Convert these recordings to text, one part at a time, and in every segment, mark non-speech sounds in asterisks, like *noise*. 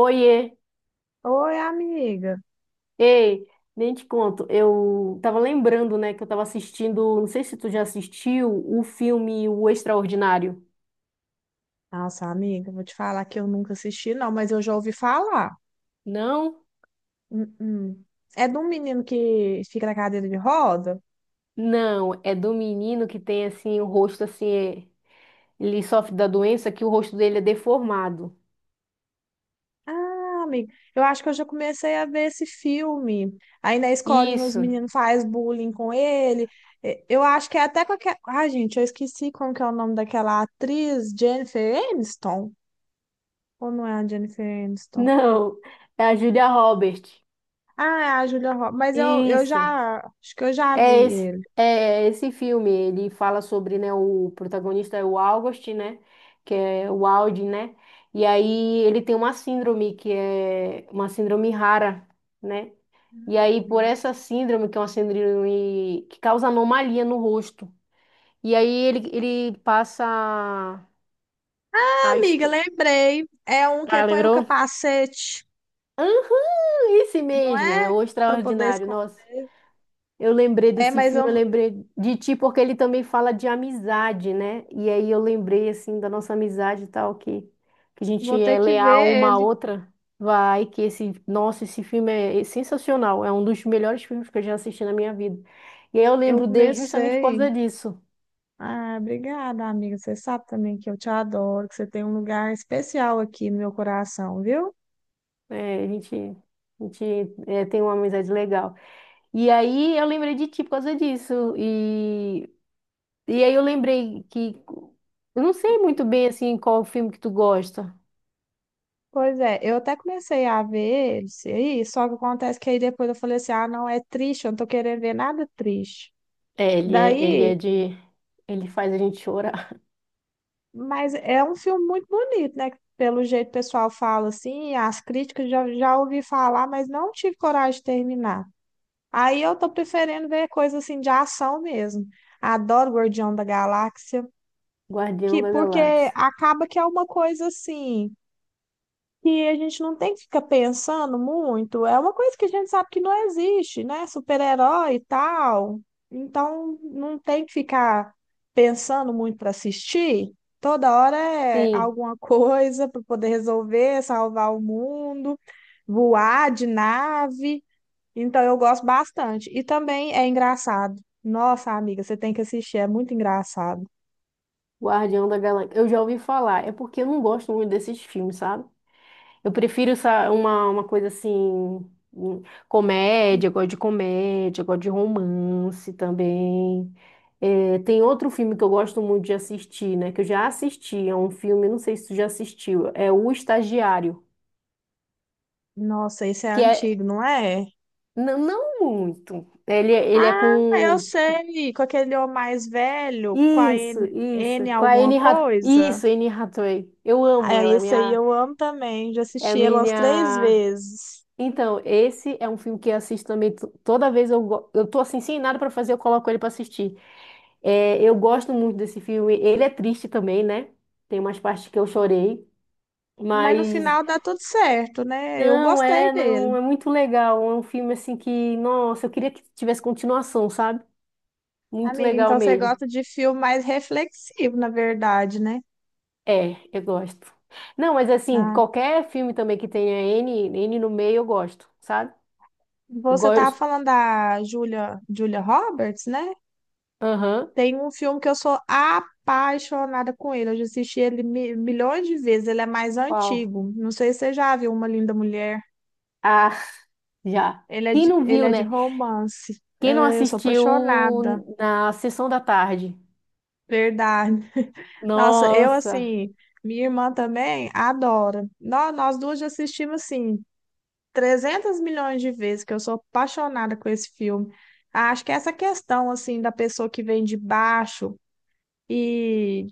Oiê, Oi, amiga. ei, nem te conto. Eu tava lembrando, né, que eu tava assistindo, não sei se tu já assistiu o filme O Extraordinário. Nossa, amiga, vou te falar que eu nunca assisti, não, mas eu já ouvi falar. Não? Hum, hum. É de um menino que fica na cadeira de roda? Não, é do menino que tem assim o rosto assim, ele sofre da doença que o rosto dele é deformado. Ah, amiga, eu acho que eu já comecei a ver esse filme. Aí na escolinha os Isso. meninos fazem bullying com ele. Eu acho que é até com aquela. Ah, gente, eu esqueci como que é o nome daquela atriz, Jennifer Aniston. Ou não é a Jennifer Aniston? Não, é a Julia Roberts. Ah, é a Julia Roberts. Mas eu Isso. já. Acho que eu já vi É esse, ele. é é esse filme, ele fala sobre, né, o protagonista é o August, né, que é o Audi, né, e aí ele tem uma síndrome que é uma síndrome rara, né, e aí por essa síndrome, que é uma síndrome que causa anomalia no rosto, e aí ele passa a Amiga, estu... lembrei. É um que Ah, põe o lembrou? capacete, Aham, esse não mesmo, é é? o Para poder Extraordinário, esconder. nossa. Eu lembrei É, desse mas eu filme, eu lembrei de ti, porque ele também fala de amizade, né? E aí eu lembrei, assim, da nossa amizade e tal, que a gente vou ter é que leal ver uma à ele. outra. Vai, que esse, nossa, esse filme é sensacional, é um dos melhores filmes que eu já assisti na minha vida. E aí eu Eu lembro dele justamente por comecei. causa disso. Ah, obrigada, amiga. Você sabe também que eu te adoro, que você tem um lugar especial aqui no meu coração, viu? É, a gente é, tem uma amizade legal. E aí eu lembrei de ti por causa disso. E aí eu lembrei que. Eu não sei muito bem, assim, qual o filme que tu gosta. Pois é, eu até comecei a ver esse aí, só que acontece que aí depois eu falei assim: ah, não, é triste, eu não tô querendo ver nada triste. É, ele é Daí de. Ele faz a gente chorar. Mas é um filme muito bonito, né? Pelo jeito o pessoal fala assim, as críticas já, já ouvi falar, mas não tive coragem de terminar. Aí eu tô preferindo ver coisa assim de ação mesmo. Adoro Guardião da Galáxia, *laughs* Guardião que da porque Galáxia. acaba que é uma coisa assim, que a gente não tem que ficar pensando muito. É uma coisa que a gente sabe que não existe, né? Super-herói e tal. Então, não tem que ficar pensando muito para assistir. Toda hora é Sim, alguma *laughs* coisa para poder resolver, salvar o mundo, voar de nave. Então, eu gosto bastante. E também é engraçado. Nossa, amiga, você tem que assistir, é muito engraçado. Guardião da Galáxia. Eu já ouvi falar. É porque eu não gosto muito desses filmes, sabe? Eu prefiro essa, uma coisa assim. hum, Comédia, eu gosto de comédia, eu gosto de romance também. É, tem outro filme que eu gosto muito de assistir, né? Que eu já assisti. É um filme, não sei se tu já assistiu. É O Estagiário. Nossa, esse é Que é. antigo, não é? Não muito. Ele é Ah, eu com. sei, com aquele homem mais velho, com a Isso, N isso. Com a alguma Anne Hath... coisa. Isso, Anne Hathaway. Eu amo Ah, ela, esse aí eu amo também, já é a assisti ele umas 3 minha... vezes. Então, esse é um filme que eu assisto também toda vez eu tô assim sem nada pra fazer, eu coloco ele pra assistir. É, eu gosto muito desse filme. Ele é triste também, né? Tem umas partes que eu chorei, Mas no mas final dá tudo certo, né? Eu não gostei é, dele. não é muito legal. É um filme assim que, nossa, eu queria que tivesse continuação, sabe? Muito Amiga, legal então você mesmo. gosta de filme mais reflexivo, na verdade, né? É, eu gosto. Não, mas assim, Ah, qualquer filme também que tenha N, N no meio, eu gosto, sabe? Eu você tava gosto. falando da Julia Roberts, né? Aham. Tem um filme que eu sou apaixonada com ele. Eu já assisti ele milhões de vezes. Ele é mais Qual? antigo. Não sei se você já viu Uma Linda Mulher. Ah, *laughs* já. Quem não Ele viu, é de né? romance. Quem não É, eu sou assistiu apaixonada. na sessão da tarde? Verdade. Nossa, eu Nossa. assim, minha irmã também adora. Nós duas já assistimos assim 300 milhões de vezes, que eu sou apaixonada com esse filme. Acho que essa questão assim da pessoa que vem de baixo e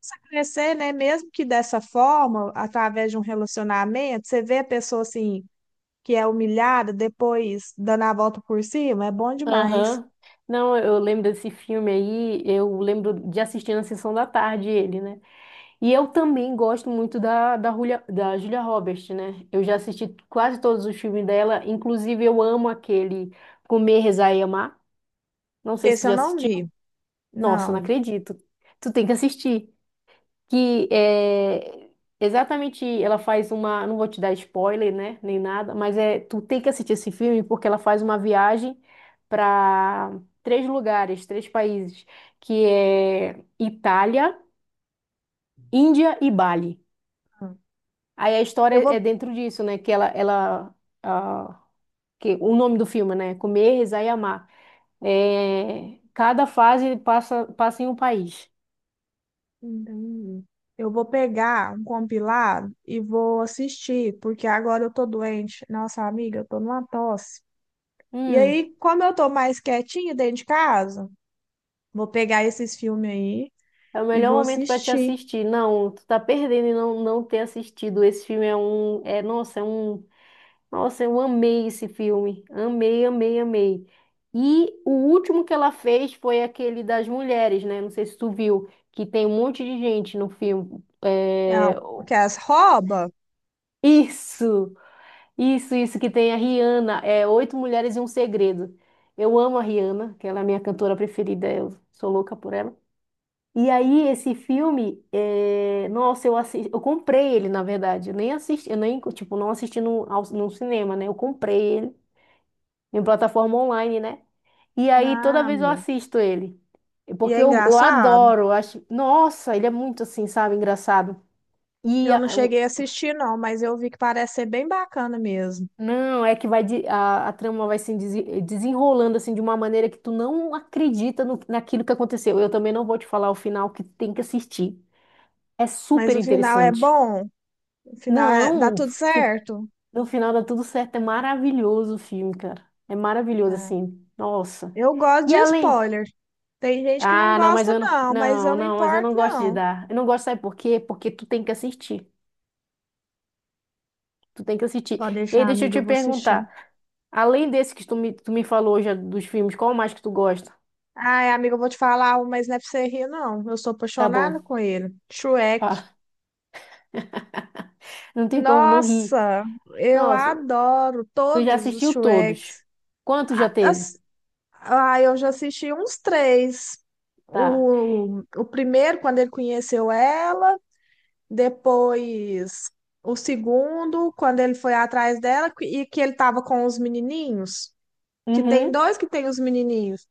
começa a crescer, né? Mesmo que dessa forma, através de um relacionamento, você vê a pessoa assim, que é humilhada, depois dando a volta por cima, é bom demais. Aham. Não, eu lembro desse filme aí, eu lembro de assistir na sessão da tarde ele, né? E eu também gosto muito da Julia Roberts, né? Eu já assisti quase todos os filmes dela, inclusive eu amo aquele Comer, Rezar e Amar. Não sei se Esse tu eu já não assistiu. vi. Nossa, não Não. acredito. Tu tem que assistir. Que é exatamente, ela faz uma. Não vou te dar spoiler, né? Nem nada, mas é, tu tem que assistir esse filme porque ela faz uma viagem para três lugares, três países, que é Itália, Índia e Bali. Aí a Eu história vou, é dentro disso, né? Que ela, ah, que o nome do filme, né? Comer, Rezar e Amar. É, cada fase passa em um país. eu vou pegar um compilado e vou assistir, porque agora eu tô doente. Nossa, amiga, eu tô numa tosse. E Hum, aí, como eu tô mais quietinha dentro de casa, vou pegar esses filmes aí é o e melhor vou momento para te assistir. assistir. Não, tu tá perdendo em não ter assistido. Esse filme é um, é, nossa, é um, nossa, eu amei esse filme. Amei, amei, amei. E o último que ela fez foi aquele das mulheres, né? Não sei se tu viu, que tem um monte de gente no filme. É, É, porque as rouba? isso! Isso, que tem a Rihanna, é Oito Mulheres e um Segredo. Eu amo a Rihanna, que ela é a minha cantora preferida, eu sou louca por ela. E aí, esse filme, é, nossa, eu assisti, eu comprei ele, na verdade. Eu nem assisti, eu nem, tipo, não assisti no cinema, né? Eu comprei ele em plataforma online, né? E aí, toda Não, vez eu amiga. assisto ele. E Porque é eu engraçado. adoro, eu acho. Nossa, ele é muito assim, sabe, engraçado. E Eu não cheguei a assistir, não, mas eu vi que parece ser bem bacana mesmo. não, é que a trama vai se desenrolando assim de uma maneira que tu não acredita naquilo que aconteceu. Eu também não vou te falar o final que tem que assistir. É Mas super o final é interessante. bom, o final dá Não, tudo certo. no final dá tudo certo. É maravilhoso o filme, cara. É maravilhoso É. assim. Nossa. Eu gosto E de além? spoiler. Tem gente que não Ah, não, mas gosta, eu não, não, mas não, eu não não, mas eu importo, não gosto de não. dar. Eu não gosto, sabe por quê? Porque tu tem que assistir. Tu tem que assistir. Pode E aí, deixar, deixa eu amiga, te eu vou assistir. perguntar. Além desse que tu me falou já dos filmes, qual mais que tu gosta? Ai, amiga, eu vou te falar, um, mas não é pra você rir, não. Eu sou Tá apaixonada bom. com ele. Shrek. Fala. *laughs* Não tem como não rir. Nossa, eu Nossa, adoro tu já todos os assistiu todos. Shreks. Quantos já A- as- teve? Ah, eu já assisti uns três. Tá. O primeiro, quando ele conheceu ela, depois o segundo, quando ele foi atrás dela, e que ele tava com os menininhos, que tem Uhum. dois que tem os menininhos,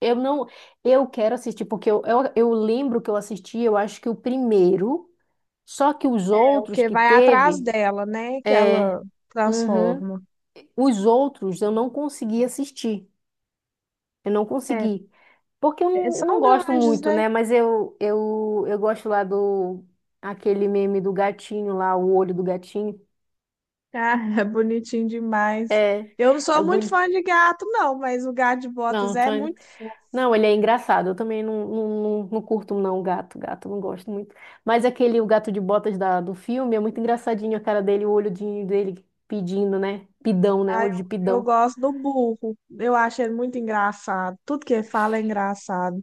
Eu não. Eu quero assistir, porque eu lembro que eu assisti, eu acho que o primeiro, só que os é o outros que que vai atrás teve. dela, né? Que É. ela Uhum. transforma. Os outros eu não consegui assistir. Eu não É, consegui. Porque eu é, não são gosto grandes, muito, né? né? Mas eu gosto lá do... Aquele meme do gatinho lá, o olho do gatinho. Ah, *laughs* é bonitinho demais. É, Eu não sou é muito bonito. fã de gato, não, mas o gato de botas Não, é tô... indo- muito. não, ele é engraçado. Eu também não curto, não, gato. Gato, não gosto muito. Mas aquele, o gato de botas da, do filme, é muito engraçadinho a cara dele, o olhodinho dele pedindo, né? Pidão, né? Ah, Olho de eu pidão. gosto do burro. Eu acho ele muito engraçado. Tudo que ele fala é engraçado.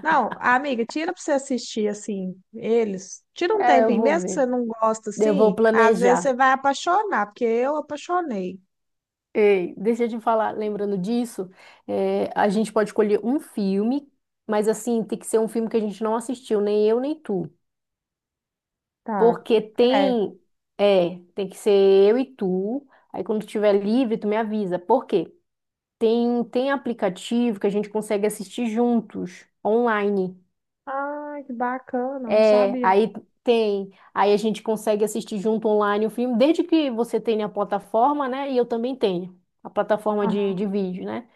Não, amiga, tira pra você assistir, assim, eles. Tira um É, eu tempinho, vou mesmo que ver. você não gosta, Eu vou assim, às vezes você planejar. vai apaixonar, porque eu apaixonei. Ei, deixa eu te falar, lembrando disso, a gente pode escolher um filme, mas assim, tem que ser um filme que a gente não assistiu, nem eu nem tu. Tá, Porque é. tem que ser eu e tu. Aí quando tiver livre, tu me avisa. Por quê? Tem aplicativo que a gente consegue assistir juntos, online. Ai, que bacana, não É, sabia. aí tem. Aí a gente consegue assistir junto online o filme, desde que você tenha a plataforma, né? E eu também tenho a plataforma de Aham, vídeo, né?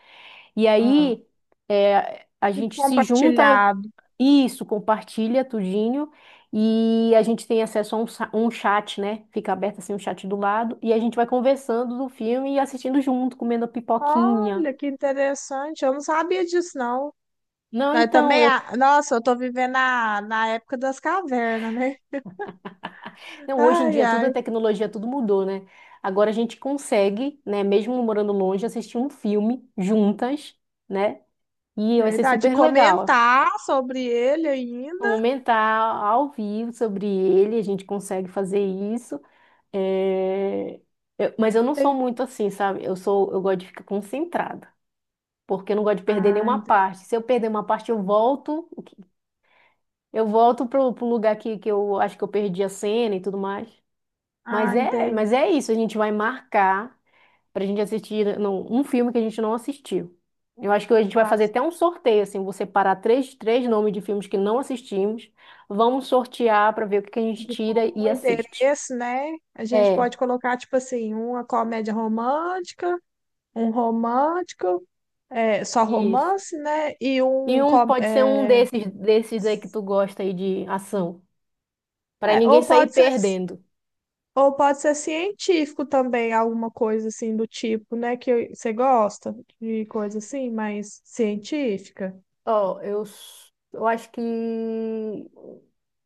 E aham. aí a Tipo gente se junta, compartilhado. isso, compartilha tudinho, e a gente tem acesso a um chat, né? Fica aberto assim um chat do lado, e a gente vai conversando do filme e assistindo junto, comendo a pipoquinha. Olha, que interessante, eu não sabia disso, não. Não, Mas então, também, eu, nossa, eu tô vivendo na época das cavernas, né? não, hoje em Ai, dia tudo é ai. tecnologia, tudo mudou, né? Agora a gente consegue, né, mesmo morando longe, assistir um filme juntas, né? E vai ser Verdade. super legal. Comentar sobre ele ainda. Comentar ao vivo sobre ele, a gente consegue fazer isso. É, mas eu não sou Tem... muito assim, sabe? Eu gosto de ficar concentrada, porque eu não gosto de perder Ah, nenhuma entendi. parte. Se eu perder uma parte, eu volto pro lugar que eu acho que eu perdi a cena e tudo mais. Ah, Mas é, mas entendi. é isso, a gente vai marcar pra gente assistir né, não, um filme que a gente não assistiu. Eu acho que a gente vai Tá fazer até certo. um sorteio, assim, vou separar três nomes de filmes que não assistimos, vamos sortear pra ver o que que a gente De tira comum e assiste. interesse, né? A gente É, pode colocar, tipo assim, uma comédia romântica, um romântico, é, só isso. romance, né? E E um. um Com- pode ser um É, desses aí que tu gosta aí de ação, pra é, ninguém sair perdendo. ou pode ser científico também, alguma coisa assim do tipo, né? Que você gosta de coisa assim, mais científica. Ó, eu acho que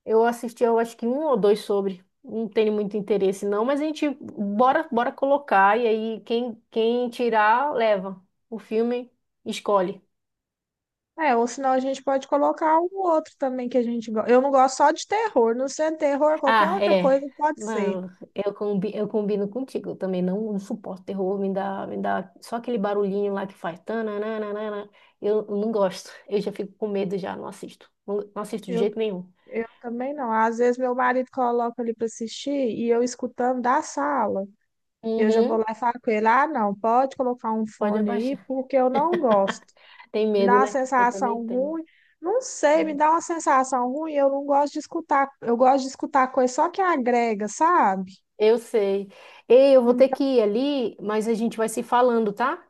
eu assisti eu acho que um ou dois sobre. Não tenho muito interesse não, mas a gente bora colocar e aí quem tirar leva. O filme escolhe. É, ou senão a gente pode colocar um outro também que a gente gosta. Eu não gosto só de terror, não sendo terror, qualquer Ah, outra é. coisa pode ser. Não, eu combino contigo. Eu também não suporto terror, me dá só aquele barulhinho lá que faz. Tananana. Eu não gosto. Eu já fico com medo já, não assisto. Não, não assisto de Eu, jeito nenhum. eu também não. Às vezes meu marido coloca ali para assistir e eu escutando da sala. Eu já vou Uhum, lá e falo com ele: ah, não, pode colocar um pode fone aí, abaixar. porque eu não gosto. *laughs* Tem Me dá medo, uma né? Eu também sensação tenho. ruim. Não sei, me É, dá uma sensação ruim. Eu não gosto de escutar. Eu gosto de escutar coisa só que agrega, sabe? eu sei. Ei, eu vou ter Então, que ir ali, mas a gente vai se falando, tá?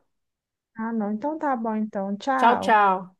ah, não. Então tá bom, então. Tchau, Tchau. tchau.